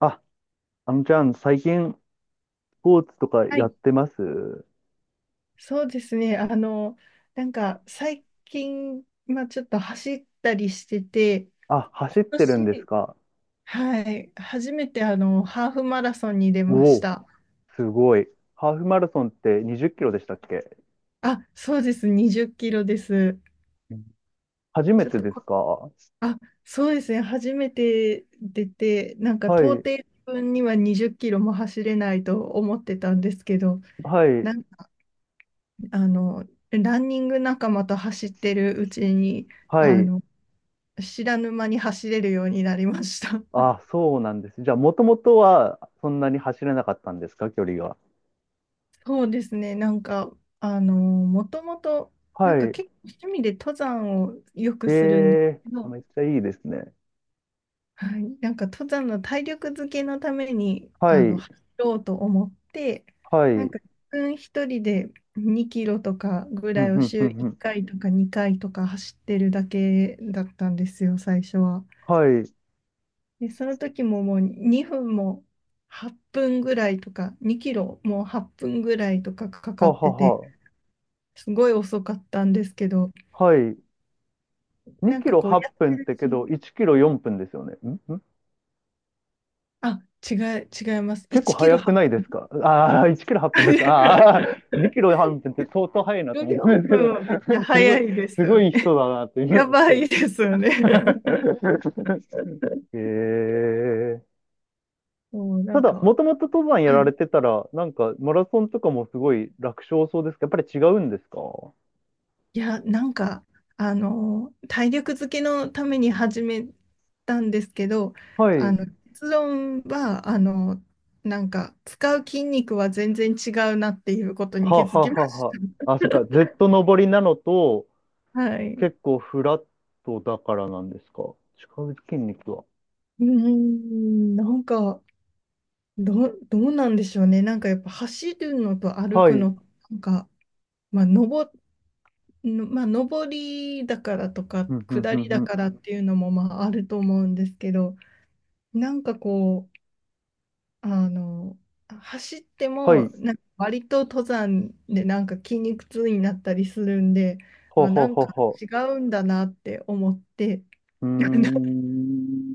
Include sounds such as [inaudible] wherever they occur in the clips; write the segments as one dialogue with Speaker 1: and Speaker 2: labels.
Speaker 1: あ、あのちゃん、最近、スポーツとか
Speaker 2: は
Speaker 1: やっ
Speaker 2: い、
Speaker 1: てます？
Speaker 2: そうですね。なんか最近、まあ、ちょっと走ったりしてて、
Speaker 1: あ、
Speaker 2: 今
Speaker 1: 走ってるんです
Speaker 2: 年、
Speaker 1: か？
Speaker 2: はい、初めてハーフマラソンに出
Speaker 1: お、
Speaker 2: まし
Speaker 1: お、
Speaker 2: た。
Speaker 1: すごい。ハーフマラソンって20キロでしたっけ？
Speaker 2: あ、そうです、20キロです。
Speaker 1: うん、初め
Speaker 2: ちょっ
Speaker 1: て
Speaker 2: と
Speaker 1: です
Speaker 2: こ、
Speaker 1: か？は
Speaker 2: あ、そうですね、初めて出て、なんか到
Speaker 1: い、
Speaker 2: 底自分には20キロも走れないと思ってたんですけど、
Speaker 1: はい、
Speaker 2: なんか、あの、ランニング仲間と走ってるうちに、
Speaker 1: は
Speaker 2: あ
Speaker 1: い。
Speaker 2: の、知らぬ間に走れるようになりました。[laughs]
Speaker 1: あ、そうなんです。じゃあ、もともとはそんなに走れなかったんですか、距離が。
Speaker 2: そうですね、なんか、もともと、なん
Speaker 1: は
Speaker 2: か
Speaker 1: い。
Speaker 2: 結構趣味で登山をよ
Speaker 1: え
Speaker 2: くするんです
Speaker 1: えー、
Speaker 2: け
Speaker 1: あ、
Speaker 2: ど、
Speaker 1: めっちゃいいですね。
Speaker 2: はい、なんか登山の体力づけのために、
Speaker 1: はい、
Speaker 2: 走ろうと思って、
Speaker 1: は
Speaker 2: なん
Speaker 1: い。
Speaker 2: か自分一人で2キロとかぐ
Speaker 1: ふ
Speaker 2: ら
Speaker 1: ん
Speaker 2: い
Speaker 1: ふ
Speaker 2: を
Speaker 1: んふ
Speaker 2: 週
Speaker 1: んふ
Speaker 2: 1
Speaker 1: ん。
Speaker 2: 回とか2回とか走ってるだけだったんですよ、最初は。
Speaker 1: はい。
Speaker 2: で、その時ももう2分も8分ぐらいとか、2キロもう8分ぐらいとかかか
Speaker 1: は
Speaker 2: っ
Speaker 1: は
Speaker 2: てて、
Speaker 1: は。
Speaker 2: すごい遅かったんですけど、
Speaker 1: はい。
Speaker 2: な
Speaker 1: 2
Speaker 2: ん
Speaker 1: キ
Speaker 2: か
Speaker 1: ロ
Speaker 2: こうや
Speaker 1: 8
Speaker 2: って
Speaker 1: 分っ
Speaker 2: る
Speaker 1: て
Speaker 2: うち
Speaker 1: け
Speaker 2: に、
Speaker 1: ど、1キロ4分ですよね。
Speaker 2: あ、違い、違います。
Speaker 1: 結構
Speaker 2: 1キロ
Speaker 1: 早く
Speaker 2: 8
Speaker 1: ないで
Speaker 2: 分。
Speaker 1: すか？ああー、1キロ8分だった。ああ、2キロ
Speaker 2: [laughs]
Speaker 1: 8分って相当早いなと思った
Speaker 2: 14
Speaker 1: んですけど、
Speaker 2: 分はめっちゃ
Speaker 1: [laughs] すご
Speaker 2: 早
Speaker 1: い、
Speaker 2: いです
Speaker 1: す
Speaker 2: よ
Speaker 1: ごい
Speaker 2: ね。
Speaker 1: 人だなって、今
Speaker 2: や
Speaker 1: の
Speaker 2: ば
Speaker 1: 人。
Speaker 2: いですよね。[laughs]
Speaker 1: [laughs] ええ、
Speaker 2: もうな
Speaker 1: た
Speaker 2: ん
Speaker 1: だ、
Speaker 2: か、
Speaker 1: もともと登山や
Speaker 2: は
Speaker 1: ら
Speaker 2: い、
Speaker 1: れてたら、なんか、マラソンとかもすごい楽勝そうですけど、やっぱり違うんですか？は
Speaker 2: いや、なんか、体力づけのために始めたんですけど、あ
Speaker 1: い。
Speaker 2: の、結論は、なんか、使う筋肉は全然違うなっていうことに気
Speaker 1: は
Speaker 2: づ
Speaker 1: は
Speaker 2: きま
Speaker 1: は
Speaker 2: し
Speaker 1: は。
Speaker 2: た。
Speaker 1: あ、そっか。ずっと登りなのと、
Speaker 2: [laughs] はい。う
Speaker 1: 結構フラットだからなんですか。使う筋肉は。
Speaker 2: ーん、なんか、どうなんでしょうね。なんかやっぱ走るのと歩
Speaker 1: は
Speaker 2: く
Speaker 1: い。
Speaker 2: の、なんか、まあ、上りだからとか、
Speaker 1: うん、うん、
Speaker 2: 下
Speaker 1: うん、
Speaker 2: り
Speaker 1: う
Speaker 2: だ
Speaker 1: ん。
Speaker 2: からっていうのも、まあ、あると思うんですけど、なんかこう、あの、走って
Speaker 1: は
Speaker 2: も、
Speaker 1: い。
Speaker 2: なんか割と登山でなんか筋肉痛になったりするんで、
Speaker 1: ほう
Speaker 2: あ、
Speaker 1: ほう
Speaker 2: なん
Speaker 1: ほう
Speaker 2: か
Speaker 1: ほ
Speaker 2: 違うんだなって思って、
Speaker 1: う。うー
Speaker 2: [laughs]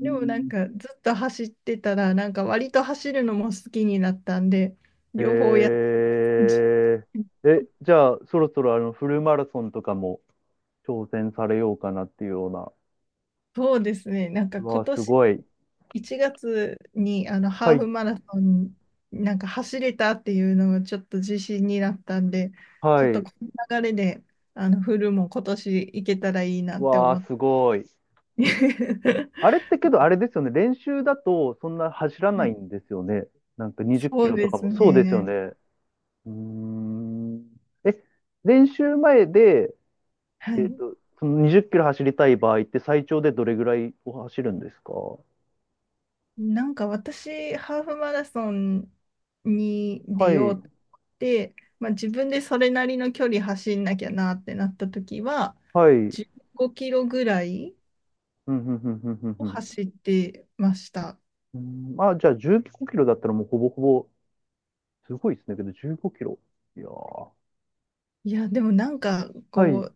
Speaker 2: でもなんかずっと走ってたら、なんか割と走るのも好きになったんで、両方やって、
Speaker 1: え
Speaker 2: [laughs]
Speaker 1: え、じゃあ、そろそろフルマラソンとかも挑戦されようかなっていうような。
Speaker 2: そうですね、なんか
Speaker 1: うわ
Speaker 2: 今
Speaker 1: ー、す
Speaker 2: 年
Speaker 1: ごい。
Speaker 2: 1月にハ
Speaker 1: は
Speaker 2: ーフ
Speaker 1: い、
Speaker 2: マラソンなんか走れたっていうのがちょっと自信になったんで、
Speaker 1: は
Speaker 2: ちょっと
Speaker 1: い。
Speaker 2: この流れでフルも今年行けたらいいなって
Speaker 1: わ
Speaker 2: 思っ
Speaker 1: ー、す
Speaker 2: て。
Speaker 1: ごい。あれっ
Speaker 2: [laughs]
Speaker 1: てけど、あれですよね。練習だと、そんな走ら
Speaker 2: は
Speaker 1: ない
Speaker 2: い、
Speaker 1: んですよね。なんか20キ
Speaker 2: そう
Speaker 1: ロと
Speaker 2: で
Speaker 1: か
Speaker 2: す
Speaker 1: も。そうですよね。
Speaker 2: ね。
Speaker 1: うーん。え、練習前で、
Speaker 2: はい。
Speaker 1: その20キロ走りたい場合って最長でどれぐらいを走るんですか？
Speaker 2: なんか私、ハーフマラソンに
Speaker 1: は
Speaker 2: 出よ
Speaker 1: い、
Speaker 2: うって、まあ、自分でそれなりの距離走んなきゃなってなった時は、
Speaker 1: はい。うん、
Speaker 2: 15キロぐらい
Speaker 1: うん、うん、うん、うんふ
Speaker 2: を
Speaker 1: ん。
Speaker 2: 走ってました。
Speaker 1: うん、あ、じゃあ15キロだったらもうほぼほぼ、すごいですね。けど15キロ。いやー。
Speaker 2: いや、でもなんか、
Speaker 1: はい、
Speaker 2: こ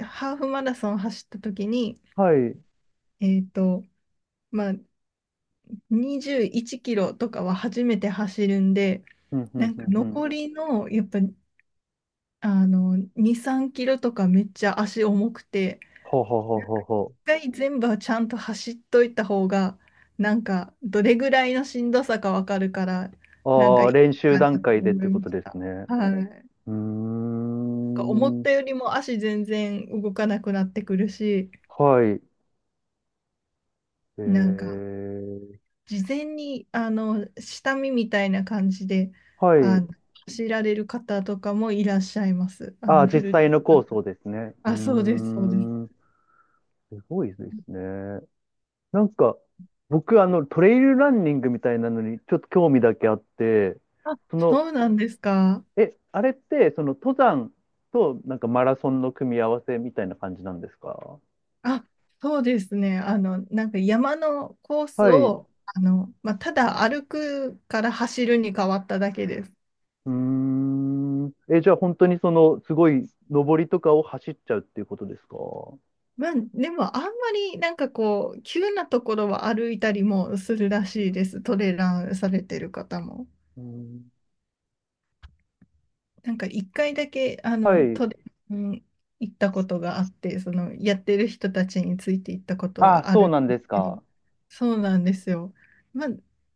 Speaker 2: う、ハーフマラソン走った時に、
Speaker 1: はい。うん、
Speaker 2: えっと、まあ、21キロとかは初めて走るんで、
Speaker 1: うん、う
Speaker 2: な
Speaker 1: ん、
Speaker 2: んか
Speaker 1: うん。
Speaker 2: 残りの、やっぱ、2、3キロとかめっちゃ足重くて、
Speaker 1: はあはあはあ
Speaker 2: 一
Speaker 1: は
Speaker 2: 回全部はちゃんと走っといた方が、なんか、どれぐらいのしんどさかわかるから、
Speaker 1: あ
Speaker 2: なん
Speaker 1: は
Speaker 2: か
Speaker 1: あ。あ
Speaker 2: い
Speaker 1: あ、
Speaker 2: い
Speaker 1: 練習
Speaker 2: かなと
Speaker 1: 段階でっ
Speaker 2: 思
Speaker 1: て
Speaker 2: い
Speaker 1: こ
Speaker 2: ま
Speaker 1: と
Speaker 2: し
Speaker 1: です
Speaker 2: た。
Speaker 1: ね。
Speaker 2: はい。なん
Speaker 1: うー
Speaker 2: か思っ
Speaker 1: ん。
Speaker 2: たよりも足全然動かなくなってくるし、
Speaker 1: はい。え
Speaker 2: なんか、
Speaker 1: ー、
Speaker 2: 事前に、下見みたいな感じで、
Speaker 1: は
Speaker 2: あ
Speaker 1: い。
Speaker 2: の、知られる方とかもいらっしゃいます。
Speaker 1: ああ、
Speaker 2: フ
Speaker 1: 実
Speaker 2: ル
Speaker 1: 際
Speaker 2: で。
Speaker 1: のコースをですね。う
Speaker 2: あ、そうで
Speaker 1: ー
Speaker 2: す、そうです。
Speaker 1: ん。すごいですね。なんか、僕、トレイルランニングみたいなのに、ちょっと興味だけあって、
Speaker 2: あ、
Speaker 1: その、
Speaker 2: そうなんですか。
Speaker 1: え、あれって、その、登山と、なんか、マラソンの組み合わせみたいな感じなんですか？
Speaker 2: あ、そうですね。なんか山のコース
Speaker 1: はい。う
Speaker 2: を、まあ、ただ歩くから走るに変わっただけです。
Speaker 1: ーん。え、じゃあ、本当に、その、すごい、登りとかを走っちゃうっていうことですか？
Speaker 2: まあ、でも、あんまりなんかこう、急なところは歩いたりもするらしいです。トレランされてる方も。
Speaker 1: うん。
Speaker 2: なんか一回だけ、
Speaker 1: はい。
Speaker 2: 都電に行ったことがあって、その、やってる人たちについて行ったこと
Speaker 1: あ、
Speaker 2: があ
Speaker 1: そ
Speaker 2: る
Speaker 1: うなん
Speaker 2: ん
Speaker 1: で
Speaker 2: です
Speaker 1: す
Speaker 2: けど、
Speaker 1: か？
Speaker 2: そうなんですよ。まあ、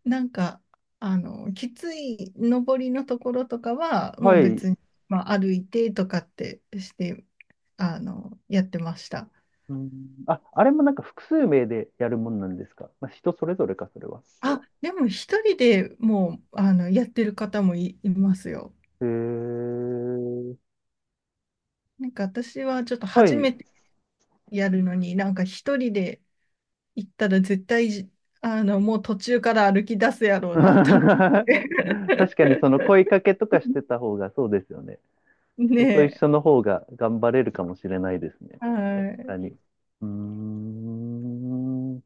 Speaker 2: なんか、きつい上りのところとかは、も
Speaker 1: は
Speaker 2: う
Speaker 1: い。
Speaker 2: 別に、まあ、歩いてとかってして、やってました。
Speaker 1: うん。あ、あれもなんか、複数名でやるもんなんですか？まあ、人それぞれか、それは。
Speaker 2: あ、でも一人でもう、やってる方もいますよ。
Speaker 1: へえ。
Speaker 2: なんか私はちょっと
Speaker 1: は
Speaker 2: 初
Speaker 1: い。
Speaker 2: めてやるのに、なんか一人で、行ったら絶対じ、もう途中から歩き出すや
Speaker 1: [laughs]
Speaker 2: ろうなと思って。[laughs]
Speaker 1: 確かにその声かけとかしてた方がそうですよね。人と一
Speaker 2: ね
Speaker 1: 緒の方が頑張れるかもしれないですね。
Speaker 2: え。
Speaker 1: 確
Speaker 2: はい。
Speaker 1: かに。うーん。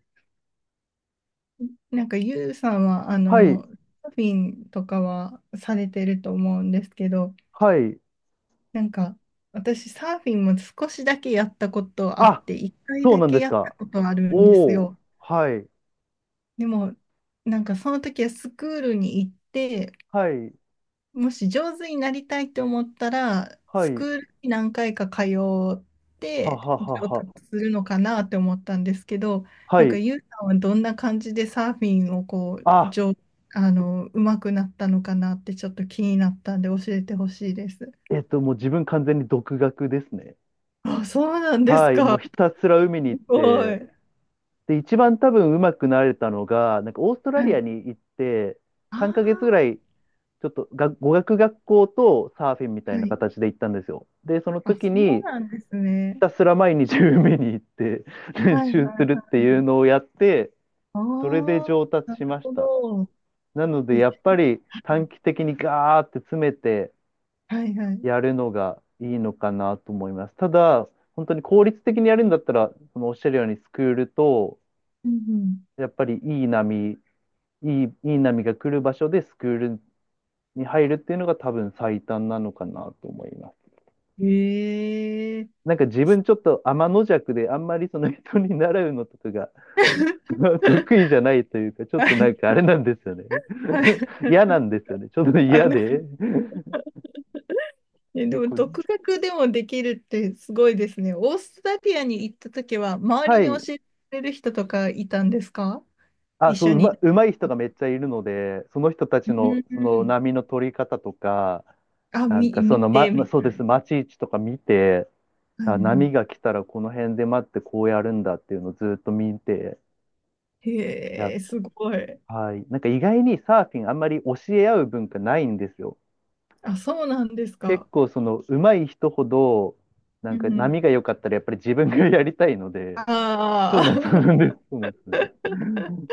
Speaker 2: なんか、ゆうさんは、
Speaker 1: はい、
Speaker 2: サーフィンとかはされてると思うんですけど、
Speaker 1: はい。
Speaker 2: なんか、私、サーフィンも少しだけやったことあっ
Speaker 1: あ、
Speaker 2: て、一回
Speaker 1: そう
Speaker 2: だ
Speaker 1: なんで
Speaker 2: け
Speaker 1: す
Speaker 2: やった
Speaker 1: か？
Speaker 2: ことあるんです
Speaker 1: おー、
Speaker 2: よ。
Speaker 1: はい、
Speaker 2: でも、なんか、その時はスクールに行って、
Speaker 1: はい、
Speaker 2: もし上手になりたいと思ったら、
Speaker 1: は
Speaker 2: スク
Speaker 1: い、
Speaker 2: ールに何回か通っ
Speaker 1: は
Speaker 2: て
Speaker 1: はは
Speaker 2: 上
Speaker 1: は。
Speaker 2: 達するのかなって思ったんですけど、
Speaker 1: は
Speaker 2: なんか
Speaker 1: い。
Speaker 2: ユウさんはどんな感じでサーフィンをこう、
Speaker 1: あ、
Speaker 2: 上、あの、う手くなったのかなってちょっと気になったんで教えてほしいです。
Speaker 1: もう自分完全に独学ですね。
Speaker 2: あ、そうなんです
Speaker 1: はい、もう
Speaker 2: か。
Speaker 1: ひたすら海に
Speaker 2: す
Speaker 1: 行っ
Speaker 2: ご
Speaker 1: て、
Speaker 2: い。
Speaker 1: で、一番多分うまくなれたのが、なんかオーストラ
Speaker 2: は
Speaker 1: リ
Speaker 2: い。
Speaker 1: アに行って、3ヶ月ぐら
Speaker 2: あ
Speaker 1: い、ちょっとが語学学校とサーフィンみた
Speaker 2: あ、
Speaker 1: い
Speaker 2: は
Speaker 1: な
Speaker 2: い。
Speaker 1: 形で行ったんですよ。で、その
Speaker 2: あ、
Speaker 1: 時
Speaker 2: そ
Speaker 1: に、
Speaker 2: うなんです
Speaker 1: ひ
Speaker 2: ね。
Speaker 1: たすら毎日海に行って [laughs] 練
Speaker 2: はいはい
Speaker 1: 習
Speaker 2: は
Speaker 1: するって
Speaker 2: い
Speaker 1: い
Speaker 2: は
Speaker 1: う
Speaker 2: い。
Speaker 1: のをやって、
Speaker 2: あ
Speaker 1: それで上
Speaker 2: あ、
Speaker 1: 達
Speaker 2: な
Speaker 1: し
Speaker 2: る
Speaker 1: まし
Speaker 2: ほ
Speaker 1: た。
Speaker 2: ど。
Speaker 1: なので、
Speaker 2: え、
Speaker 1: やっぱり短期的にガーって詰めて
Speaker 2: はいはい。
Speaker 1: やるのがいいのかなと思います。ただ、本当に効率的にやるんだったら、そのおっしゃるようにスクールと、
Speaker 2: うん
Speaker 1: やっぱりいい波が来る場所でスクールに入るっていうのが多分最短なのかなと思います。
Speaker 2: うん。ええ。
Speaker 1: なんか自分ちょっと天の弱であんまりその人に習うのとかが [laughs] 得意じ
Speaker 2: [laughs]
Speaker 1: ゃないというか、ちょっ
Speaker 2: は
Speaker 1: とな
Speaker 2: い。
Speaker 1: んかあれなんですよね
Speaker 2: はい。
Speaker 1: [laughs]。嫌なんですよね。ちょっと
Speaker 2: あ
Speaker 1: 嫌
Speaker 2: の、
Speaker 1: で [laughs]。
Speaker 2: で
Speaker 1: 結
Speaker 2: も
Speaker 1: 構、
Speaker 2: 独学でもできるってすごいですね。オーストラリアに行った時は、周り
Speaker 1: は
Speaker 2: に教
Speaker 1: い。
Speaker 2: えてくれる人とかいたんですか、
Speaker 1: あ、
Speaker 2: 一
Speaker 1: そう、
Speaker 2: 緒に。
Speaker 1: うまい人がめっちゃいるので、その人た
Speaker 2: う
Speaker 1: ちのその
Speaker 2: ん、
Speaker 1: 波の取り方とか、なんかそ
Speaker 2: 見
Speaker 1: の、ま、
Speaker 2: て。は
Speaker 1: まそうです、待ち位置とか見て、
Speaker 2: い
Speaker 1: あ、
Speaker 2: は
Speaker 1: 波が来たらこの辺で待ってこうやるんだっていうのをずっと見て
Speaker 2: い。
Speaker 1: やっ
Speaker 2: へえ、
Speaker 1: て、
Speaker 2: すごい。
Speaker 1: はい。なんか意外にサーフィンあんまり教え合う文化ないんですよ。
Speaker 2: あ、そうなんです
Speaker 1: 結
Speaker 2: か。
Speaker 1: 構その上手い人ほど、な
Speaker 2: う
Speaker 1: んか
Speaker 2: んうん。
Speaker 1: 波が良かったらやっぱり自分がやりたいので、そうな
Speaker 2: あ
Speaker 1: んです、そう
Speaker 2: あ。
Speaker 1: なんです、そうなんです。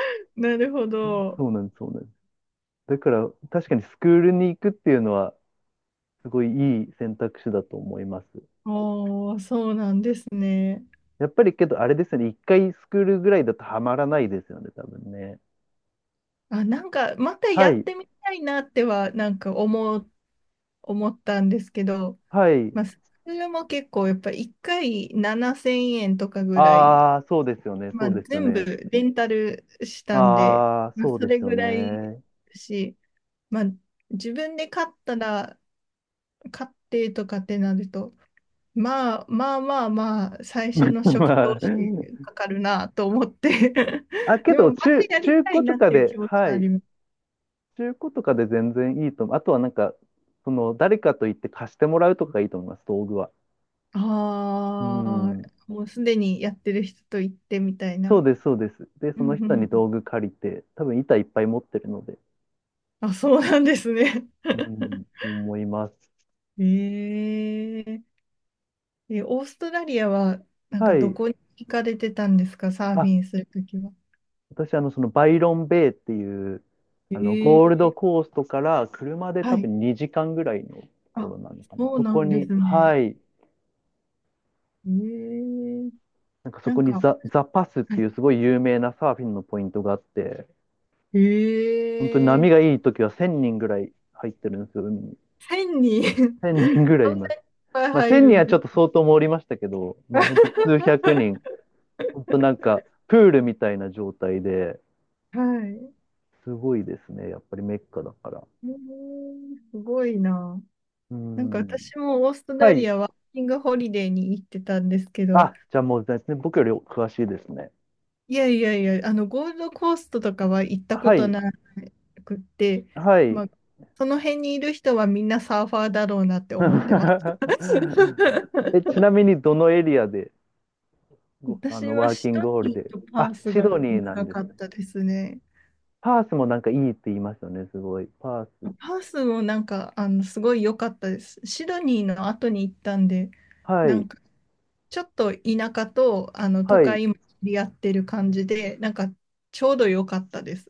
Speaker 2: [laughs] なるほ
Speaker 1: そ
Speaker 2: ど。
Speaker 1: うなんです、そうなんです。だから確かにスクールに行くっていうのはすごいいい選択肢だと思います。
Speaker 2: おー、そうなんですね。
Speaker 1: やっぱりけどあれですよね、一回スクールぐらいだとハマらないですよね、多分ね。
Speaker 2: あ、なんか、また
Speaker 1: は
Speaker 2: やっ
Speaker 1: い、
Speaker 2: てみたいなっては、思ったんですけど、
Speaker 1: はい。
Speaker 2: まあ、それも結構、やっぱ1回7000円とかぐらい、
Speaker 1: ああ、そうですよね、
Speaker 2: ま
Speaker 1: そ
Speaker 2: あ、
Speaker 1: うですよ
Speaker 2: 全部
Speaker 1: ね。
Speaker 2: レンタルしたんで、
Speaker 1: ああ、
Speaker 2: まあ、
Speaker 1: そう
Speaker 2: そ
Speaker 1: で
Speaker 2: れ
Speaker 1: すよ
Speaker 2: ぐらい
Speaker 1: ね。
Speaker 2: し、まあ、自分で買ったら、買ってとかってなると、まあまあまあまあ、最
Speaker 1: [laughs] ま
Speaker 2: 初の
Speaker 1: あ、
Speaker 2: 初期
Speaker 1: ま
Speaker 2: 投
Speaker 1: あ
Speaker 2: 資かかるなと思って。 [laughs]
Speaker 1: あ、け
Speaker 2: でも、
Speaker 1: ど、
Speaker 2: またやり
Speaker 1: 中
Speaker 2: たい
Speaker 1: 古と
Speaker 2: なっ
Speaker 1: か
Speaker 2: ていう気
Speaker 1: で、
Speaker 2: 持ち
Speaker 1: は
Speaker 2: はあ
Speaker 1: い、
Speaker 2: ります。
Speaker 1: 中古とかで全然いいと思う。あとはなんか、その、誰かと言って貸してもらうとかがいいと思います、道具は。う
Speaker 2: あ
Speaker 1: ん。
Speaker 2: あ、もうすでにやってる人と行ってみたい
Speaker 1: そう
Speaker 2: な。
Speaker 1: です、そうです。で、
Speaker 2: う
Speaker 1: そ
Speaker 2: ん
Speaker 1: の
Speaker 2: うんう
Speaker 1: 人に
Speaker 2: ん、
Speaker 1: 道具借りて、多分板いっぱい持ってるので、
Speaker 2: あ、そうなんですね。
Speaker 1: う
Speaker 2: [laughs]
Speaker 1: ん、思います。
Speaker 2: え、え、え、オーストラリアは、なん
Speaker 1: は
Speaker 2: かど
Speaker 1: い。
Speaker 2: こに行かれてたんですか、サーフ
Speaker 1: あ、
Speaker 2: ィンするときは。
Speaker 1: 私、そのバイロンベイっていう、ゴール
Speaker 2: え
Speaker 1: ド
Speaker 2: え、
Speaker 1: コーストから車で
Speaker 2: は
Speaker 1: 多
Speaker 2: い。
Speaker 1: 分2時間ぐらいのとこ
Speaker 2: あ、
Speaker 1: ろなのかな。
Speaker 2: そう
Speaker 1: そ
Speaker 2: な
Speaker 1: こ
Speaker 2: んで
Speaker 1: に、
Speaker 2: すね。
Speaker 1: はい、
Speaker 2: ええ、
Speaker 1: なんかそ
Speaker 2: な
Speaker 1: こ
Speaker 2: んか、
Speaker 1: に
Speaker 2: は
Speaker 1: ザパスっていうすごい有名なサーフィンのポイントがあって、本当に
Speaker 2: い、え
Speaker 1: 波が
Speaker 2: え、
Speaker 1: いい時は1000人ぐらい入ってるんですよ、海に。
Speaker 2: 1000人。 [laughs] そんなにいっ
Speaker 1: 1000人ぐらいいます。
Speaker 2: ぱい
Speaker 1: まあ
Speaker 2: 入
Speaker 1: 1000
Speaker 2: る
Speaker 1: 人
Speaker 2: ん
Speaker 1: は
Speaker 2: で
Speaker 1: ちょっと
Speaker 2: す
Speaker 1: 相当盛りましたけど、まあ本
Speaker 2: か。
Speaker 1: 当に数百人、本当なんかプールみたいな状態で、
Speaker 2: [laughs] はい。
Speaker 1: すごいですね、やっぱりメッカだから。
Speaker 2: ええ、すごいな。
Speaker 1: う
Speaker 2: なんか
Speaker 1: ん。
Speaker 2: 私もオーストラ
Speaker 1: は
Speaker 2: リ
Speaker 1: い。
Speaker 2: アワーキングホリデーに行ってたんですけど、
Speaker 1: あ、じゃあもう全然僕より詳しいですね。
Speaker 2: いやいやいや、ゴールドコーストとかは行ったこ
Speaker 1: は
Speaker 2: と
Speaker 1: い、
Speaker 2: なくって、
Speaker 1: はい。
Speaker 2: まあ、その辺にいる人はみんなサーファーだろうなって思ってます。
Speaker 1: [laughs] え、ち
Speaker 2: [laughs]
Speaker 1: なみにどのエリアで、ごあ
Speaker 2: 私
Speaker 1: の、
Speaker 2: は
Speaker 1: ワーキ
Speaker 2: シ
Speaker 1: ン
Speaker 2: ド
Speaker 1: グホリ
Speaker 2: ニ
Speaker 1: デー、
Speaker 2: ーとパー
Speaker 1: あ、
Speaker 2: ス
Speaker 1: シ
Speaker 2: が
Speaker 1: ドニーなん
Speaker 2: 長
Speaker 1: です
Speaker 2: かっ
Speaker 1: ね。
Speaker 2: たですね。
Speaker 1: パースもなんかいいって言いますよね、すごい。パース。
Speaker 2: パースもなんか、すごい良かったです。シドニーの後に行ったんで、
Speaker 1: は
Speaker 2: な
Speaker 1: い、
Speaker 2: んかちょっと田舎と都
Speaker 1: はい。う
Speaker 2: 会も切り合ってる感じで、なんかちょうど良かったです。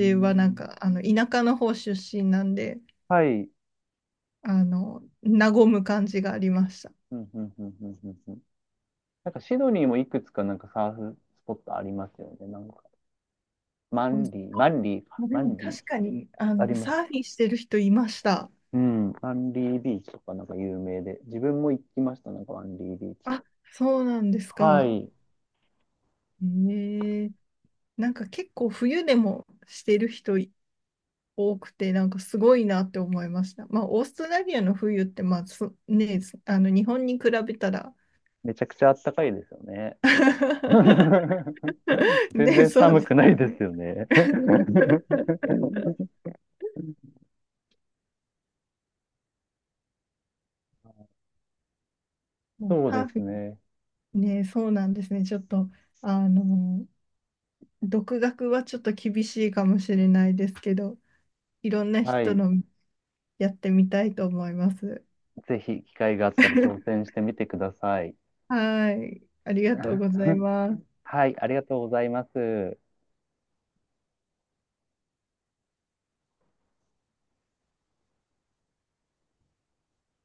Speaker 1: ー
Speaker 2: はなん
Speaker 1: ん、
Speaker 2: か田舎の方出身なんで、
Speaker 1: はい。
Speaker 2: 和む感じがありました。
Speaker 1: うん、うん、うん、うん、うんうん。なんかシドニーもいくつかなんかサーフスポットありますよね、なんか。マ
Speaker 2: うん、
Speaker 1: ンリー、マンリーか、
Speaker 2: で
Speaker 1: マ
Speaker 2: も
Speaker 1: ンリー。
Speaker 2: 確かに、
Speaker 1: あります。
Speaker 2: サーフィンしてる人いました。
Speaker 1: うん、アンリービーチとかなんか有名で、自分も行きました、なんかアンリービーチ。
Speaker 2: あ、そうなんです
Speaker 1: は
Speaker 2: か。
Speaker 1: い。
Speaker 2: ええ、なんか結構冬でもしてる人多くて、なんかすごいなって思いました。まあ、オーストラリアの冬って、まあ、そね、日本に比べたら、
Speaker 1: めちゃくちゃあったかいですよね。
Speaker 2: [laughs]
Speaker 1: [laughs] 全
Speaker 2: ね、
Speaker 1: 然
Speaker 2: そう
Speaker 1: 寒
Speaker 2: です
Speaker 1: くな
Speaker 2: よ
Speaker 1: いで
Speaker 2: ね。
Speaker 1: すよね。[laughs]
Speaker 2: [laughs] もう
Speaker 1: そうで
Speaker 2: サーフ
Speaker 1: す
Speaker 2: ィ
Speaker 1: ね。
Speaker 2: ンね、そうなんですね。ちょっと、あの、独学はちょっと厳しいかもしれないですけど、いろんな
Speaker 1: は
Speaker 2: 人
Speaker 1: い。
Speaker 2: のやってみたいと思います。
Speaker 1: ぜひ機会があったら挑戦してみてください。
Speaker 2: はい、ありがとう
Speaker 1: [laughs]
Speaker 2: ございます。
Speaker 1: はい、ありがとうございます。